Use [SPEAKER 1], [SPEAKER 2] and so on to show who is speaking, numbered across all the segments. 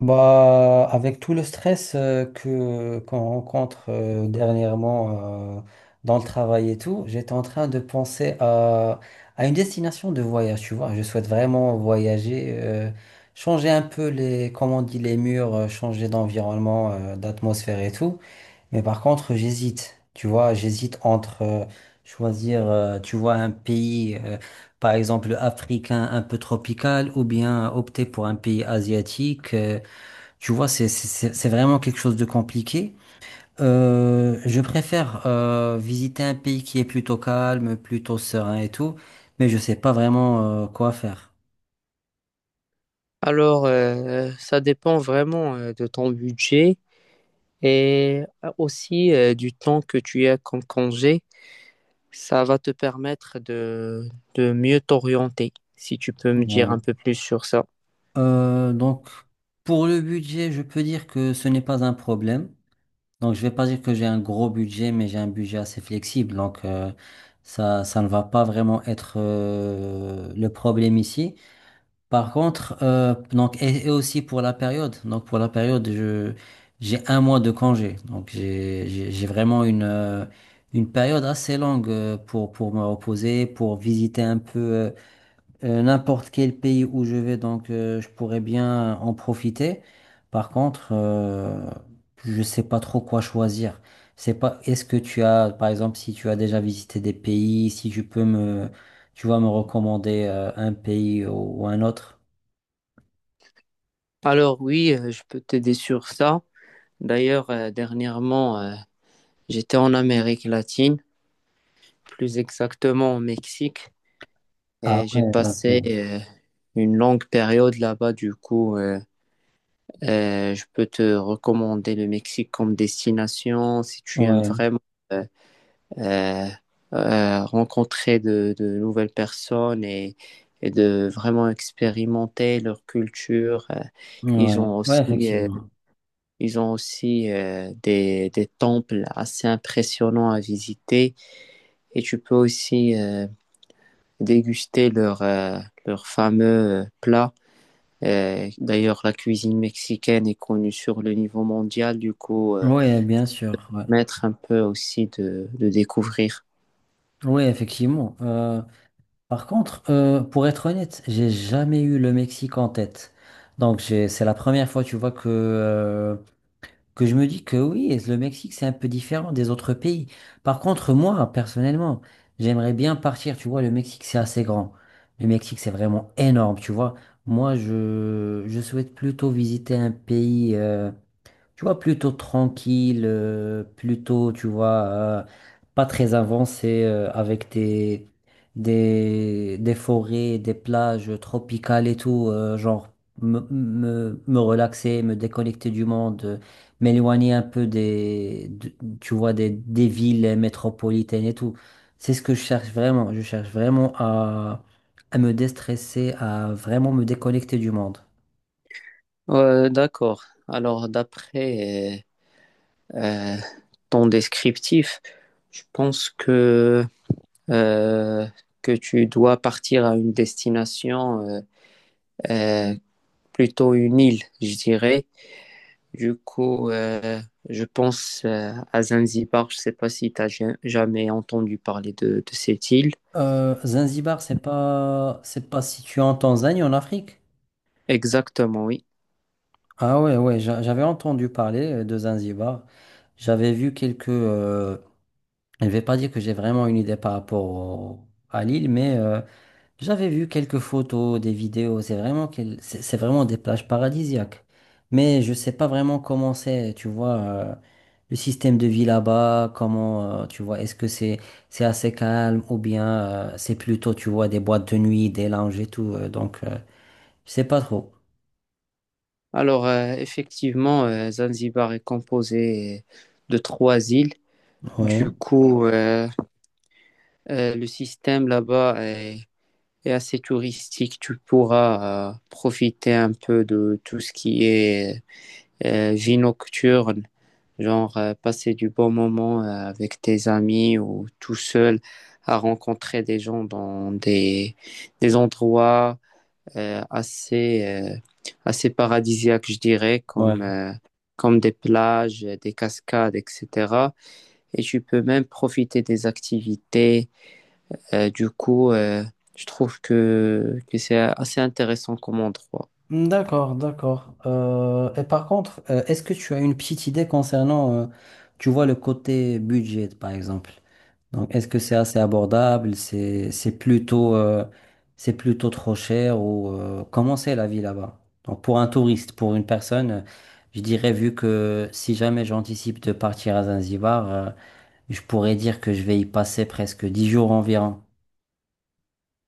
[SPEAKER 1] Bah, avec tout le stress que qu'on rencontre dernièrement dans le travail et tout, j'étais en train de penser à une destination de voyage, tu vois. Je souhaite vraiment voyager, changer un peu les, comment on dit, les murs, changer d'environnement, d'atmosphère et tout. Mais par contre, j'hésite, tu vois, j'hésite entre choisir, tu vois, un pays, par exemple, africain un peu tropical ou bien opter pour un pays asiatique. Tu vois, c'est vraiment quelque chose de compliqué. Je préfère visiter un pays qui est plutôt calme, plutôt serein et tout, mais je sais pas vraiment quoi faire.
[SPEAKER 2] Alors, ça dépend vraiment de ton budget et aussi du temps que tu as comme congé. Ça va te permettre de mieux t'orienter, si tu peux me dire
[SPEAKER 1] Ouais.
[SPEAKER 2] un peu plus sur ça.
[SPEAKER 1] Donc, pour le budget, je peux dire que ce n'est pas un problème. Donc, je vais pas dire que j'ai un gros budget, mais j'ai un budget assez flexible. Donc, ça, ça ne va pas vraiment être le problème ici. Par contre, donc, et aussi pour la période, donc pour la période, j'ai un mois de congé. Donc, j'ai vraiment une période assez longue pour, me reposer, pour visiter un peu n'importe quel pays où je vais. Donc, je pourrais bien en profiter. Par contre, je sais pas trop quoi choisir. C'est pas, est-ce que tu as, par exemple, si tu as déjà visité des pays, si tu peux me, tu vas me recommander un pays ou un autre?
[SPEAKER 2] Alors oui, je peux t'aider sur ça. D'ailleurs, dernièrement, j'étais en Amérique latine, plus exactement au Mexique,
[SPEAKER 1] Ah
[SPEAKER 2] et j'ai
[SPEAKER 1] ouais,
[SPEAKER 2] passé
[SPEAKER 1] ok.
[SPEAKER 2] une longue période là-bas. Je peux te recommander le Mexique comme destination si tu aimes
[SPEAKER 1] Ouais,
[SPEAKER 2] vraiment euh, euh, rencontrer de nouvelles personnes et de vraiment expérimenter leur culture. Ils
[SPEAKER 1] ouais,
[SPEAKER 2] ont
[SPEAKER 1] ouais,
[SPEAKER 2] aussi, euh,
[SPEAKER 1] effectivement.
[SPEAKER 2] ils ont aussi des temples assez impressionnants à visiter et tu peux aussi déguster leur fameux plat d'ailleurs, la cuisine mexicaine est connue sur le niveau mondial,
[SPEAKER 1] Ouais, bien sûr. Ouais,
[SPEAKER 2] mettre un peu aussi de découvrir.
[SPEAKER 1] ouais, effectivement. Par contre, pour être honnête, j'ai jamais eu le Mexique en tête. Donc, c'est la première fois, tu vois, que je me dis que oui, le Mexique, c'est un peu différent des autres pays. Par contre, moi, personnellement, j'aimerais bien partir. Tu vois, le Mexique, c'est assez grand. Le Mexique, c'est vraiment énorme, tu vois. Moi, je souhaite plutôt visiter un pays. Tu vois, plutôt tranquille, plutôt, tu vois, pas très avancé, avec des forêts, des plages tropicales et tout, genre me relaxer, me déconnecter du monde, m'éloigner un peu tu vois, des villes métropolitaines et tout. C'est ce que je cherche vraiment. Je cherche vraiment à me déstresser, à vraiment me déconnecter du monde.
[SPEAKER 2] D'accord. Alors, d'après euh, euh, ton descriptif, je pense euh, que tu dois partir à une destination, euh, plutôt une île, je dirais. Du coup, euh, je pense à Zanzibar. Je ne sais pas si tu as jamais entendu parler de cette île.
[SPEAKER 1] Zanzibar, c'est pas situé en Tanzanie, en Afrique?
[SPEAKER 2] Exactement, oui.
[SPEAKER 1] Ah ouais, ouais, j'avais entendu parler de Zanzibar. J'avais vu quelques. Je ne vais pas dire que j'ai vraiment une idée par rapport à l'île, mais j'avais vu quelques photos, des vidéos, c'est vraiment, c'est vraiment des plages paradisiaques. Mais je sais pas vraiment comment c'est, tu vois, le système de vie là-bas, comment, tu vois, est-ce que c'est assez calme ou bien c'est plutôt, tu vois, des boîtes de nuit, des lounges et tout. Donc, je sais pas trop.
[SPEAKER 2] Alors, effectivement, Zanzibar est composé de 3 îles. Du
[SPEAKER 1] Ouais,
[SPEAKER 2] coup, euh, le système là-bas est assez touristique. Tu pourras profiter un peu de tout ce qui est vie nocturne, genre passer du bon moment avec tes amis ou tout seul à rencontrer des gens dans des endroits euh, assez, euh, assez paradisiaques, je dirais,
[SPEAKER 1] ouais.
[SPEAKER 2] comme des plages, des cascades, etc. Et tu peux même profiter des activités. Euh, du coup, euh, je trouve que c'est assez intéressant comme endroit.
[SPEAKER 1] D'accord, d'accord. Et par contre, est-ce que tu as une petite idée concernant, tu vois, le côté budget, par exemple? Donc, est-ce que c'est assez abordable? C'est plutôt, c'est plutôt trop cher ou comment c'est la vie là-bas? Donc, pour un touriste, pour une personne, je dirais, vu que si jamais j'anticipe de partir à Zanzibar, je pourrais dire que je vais y passer presque 10 jours environ.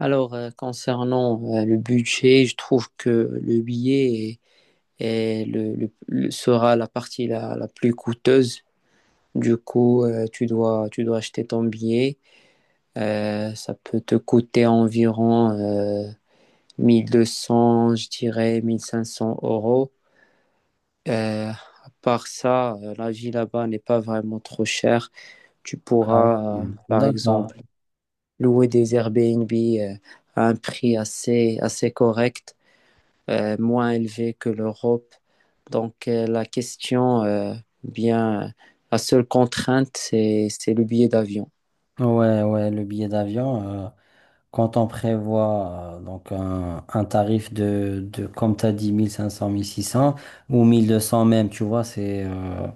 [SPEAKER 2] Alors, concernant le budget, je trouve que le billet est- est le- sera la partie la plus coûteuse. Tu dois, tu dois acheter ton billet. Ça peut te coûter environ 1200, je dirais 1500 euros. À part ça, la vie là-bas n'est pas vraiment trop chère. Tu
[SPEAKER 1] Ah
[SPEAKER 2] pourras,
[SPEAKER 1] oui,
[SPEAKER 2] par
[SPEAKER 1] d'accord.
[SPEAKER 2] exemple, louer des Airbnb à un prix assez, assez correct, moins élevé que l'Europe. Donc, la question, bien, la seule contrainte, c'est le billet d'avion.
[SPEAKER 1] Ouais, ouais, le billet d'avion, quand on prévoit donc un tarif de comme tu as dit, 1 000 1 500 1 600 ou 1 200 même, tu vois, c'est.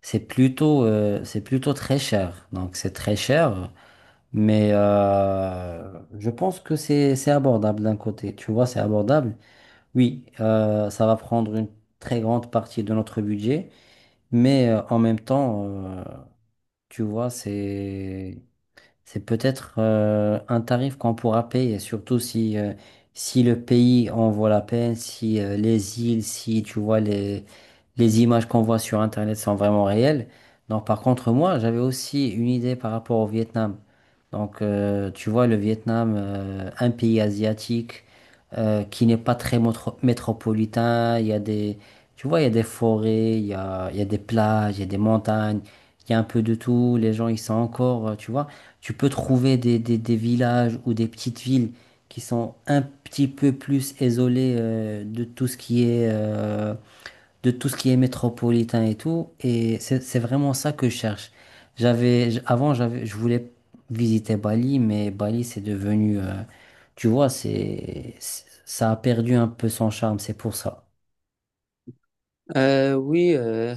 [SPEAKER 1] C'est plutôt très cher. Donc, c'est très cher, mais je pense que c'est abordable d'un côté. Tu vois, c'est abordable. Oui, ça va prendre une très grande partie de notre budget, mais en même temps, tu vois, c'est peut-être un tarif qu'on pourra payer, surtout si le pays en vaut la peine, si les îles, si tu vois les images qu'on voit sur Internet sont vraiment réelles. Donc par contre, moi, j'avais aussi une idée par rapport au Vietnam. Donc tu vois, le Vietnam, un pays asiatique qui n'est pas très métropolitain, il y a des, tu vois, il y a des forêts, il y a des plages, il y a des montagnes, il y a un peu de tout, les gens, ils sont encore, tu vois. Tu peux trouver des villages ou des petites villes qui sont un petit peu plus isolées de tout ce qui est, de tout ce qui est métropolitain et tout. Et c'est vraiment ça que je cherche. Avant, je voulais visiter Bali, mais Bali, c'est devenu, tu vois, ça a perdu un peu son charme, c'est pour ça.
[SPEAKER 2] Euh, oui, euh,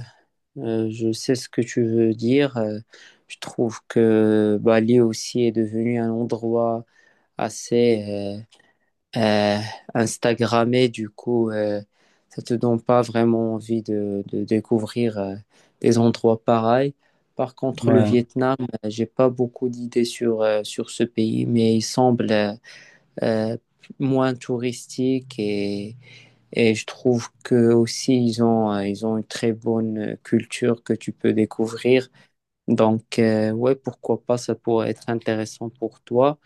[SPEAKER 2] Je sais ce que tu veux dire. Je trouve que Bali aussi est devenu un endroit assez euh, Instagrammé. Ça te donne pas vraiment envie de découvrir des endroits pareils. Par contre, le
[SPEAKER 1] Ouais.
[SPEAKER 2] Vietnam, j'ai pas beaucoup d'idées sur ce pays, mais il semble euh, moins touristique et je trouve que aussi ils ont une très bonne culture que tu peux découvrir. Donc ouais, pourquoi pas, ça pourrait être intéressant pour toi.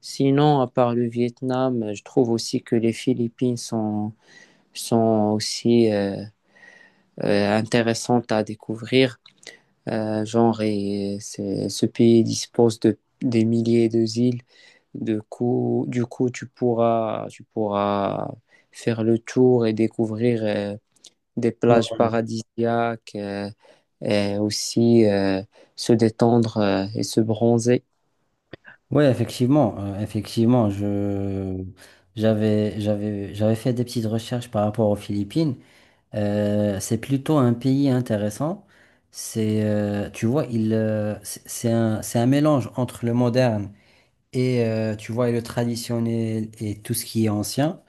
[SPEAKER 2] Sinon, à part le Vietnam, je trouve aussi que les Philippines sont aussi intéressantes à découvrir. Ce pays dispose de des milliers de îles. Du coup, tu pourras faire le tour et découvrir des
[SPEAKER 1] Ouais.
[SPEAKER 2] plages paradisiaques et aussi se détendre et se bronzer.
[SPEAKER 1] Oui, effectivement, effectivement, je j'avais j'avais j'avais fait des petites recherches par rapport aux Philippines. C'est plutôt un pays intéressant. C'est Tu vois, il c'est un mélange entre le moderne et tu vois et le traditionnel et tout ce qui est ancien.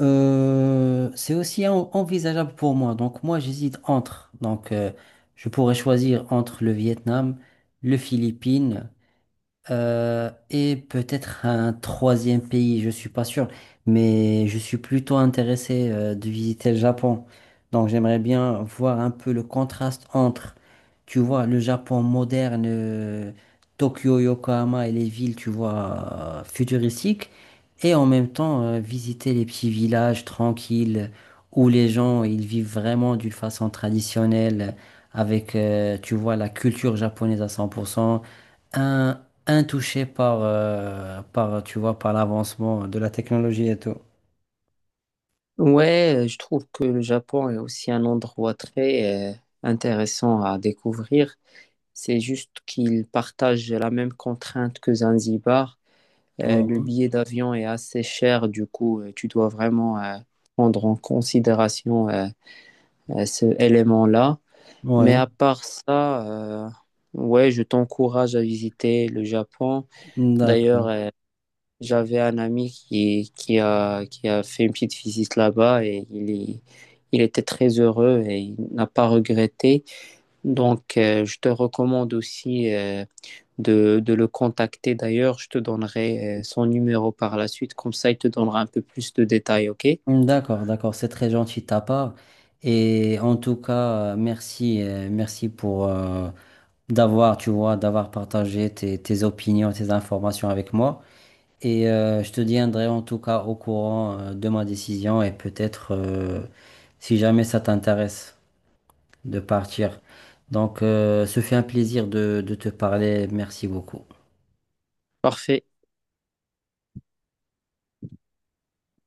[SPEAKER 1] C'est aussi envisageable pour moi. Donc moi, j'hésite entre. Donc je pourrais choisir entre le Vietnam, le Philippines. Et peut-être un troisième pays, je suis pas sûr, mais je suis plutôt intéressé de visiter le Japon. Donc j'aimerais bien voir un peu le contraste entre, tu vois, le Japon moderne, Tokyo, Yokohama et les villes, tu vois, futuristiques, et en même temps visiter les petits villages tranquilles où les gens ils vivent vraiment d'une façon traditionnelle, avec, tu vois, la culture japonaise à 100%. un, Intouché par, par, tu vois, par l'avancement de la technologie et tout.
[SPEAKER 2] Ouais, je trouve que le Japon est aussi un endroit très intéressant à découvrir. C'est juste qu'il partage la même contrainte que Zanzibar. Le
[SPEAKER 1] Mhm.
[SPEAKER 2] billet d'avion est assez cher, tu dois vraiment prendre en considération ce élément-là. Mais
[SPEAKER 1] Oui,
[SPEAKER 2] à part ça, euh, ouais, je t'encourage à visiter le Japon. D'ailleurs,
[SPEAKER 1] d'accord.
[SPEAKER 2] j'avais un ami qui a fait une petite visite là-bas il était très heureux et il n'a pas regretté. Donc, je te recommande aussi de le contacter. D'ailleurs, je te donnerai son numéro par la suite. Comme ça, il te donnera un peu plus de détails, OK?
[SPEAKER 1] D'accord, d'accord, c'est très gentil de ta part. Et en tout cas, merci pour d'avoir, tu vois, d'avoir partagé tes opinions, tes informations avec moi. Et je te tiendrai en tout cas au courant de ma décision et peut-être si jamais ça t'intéresse. De partir. Donc, ce fut un plaisir de te parler. Merci beaucoup.
[SPEAKER 2] Parfait.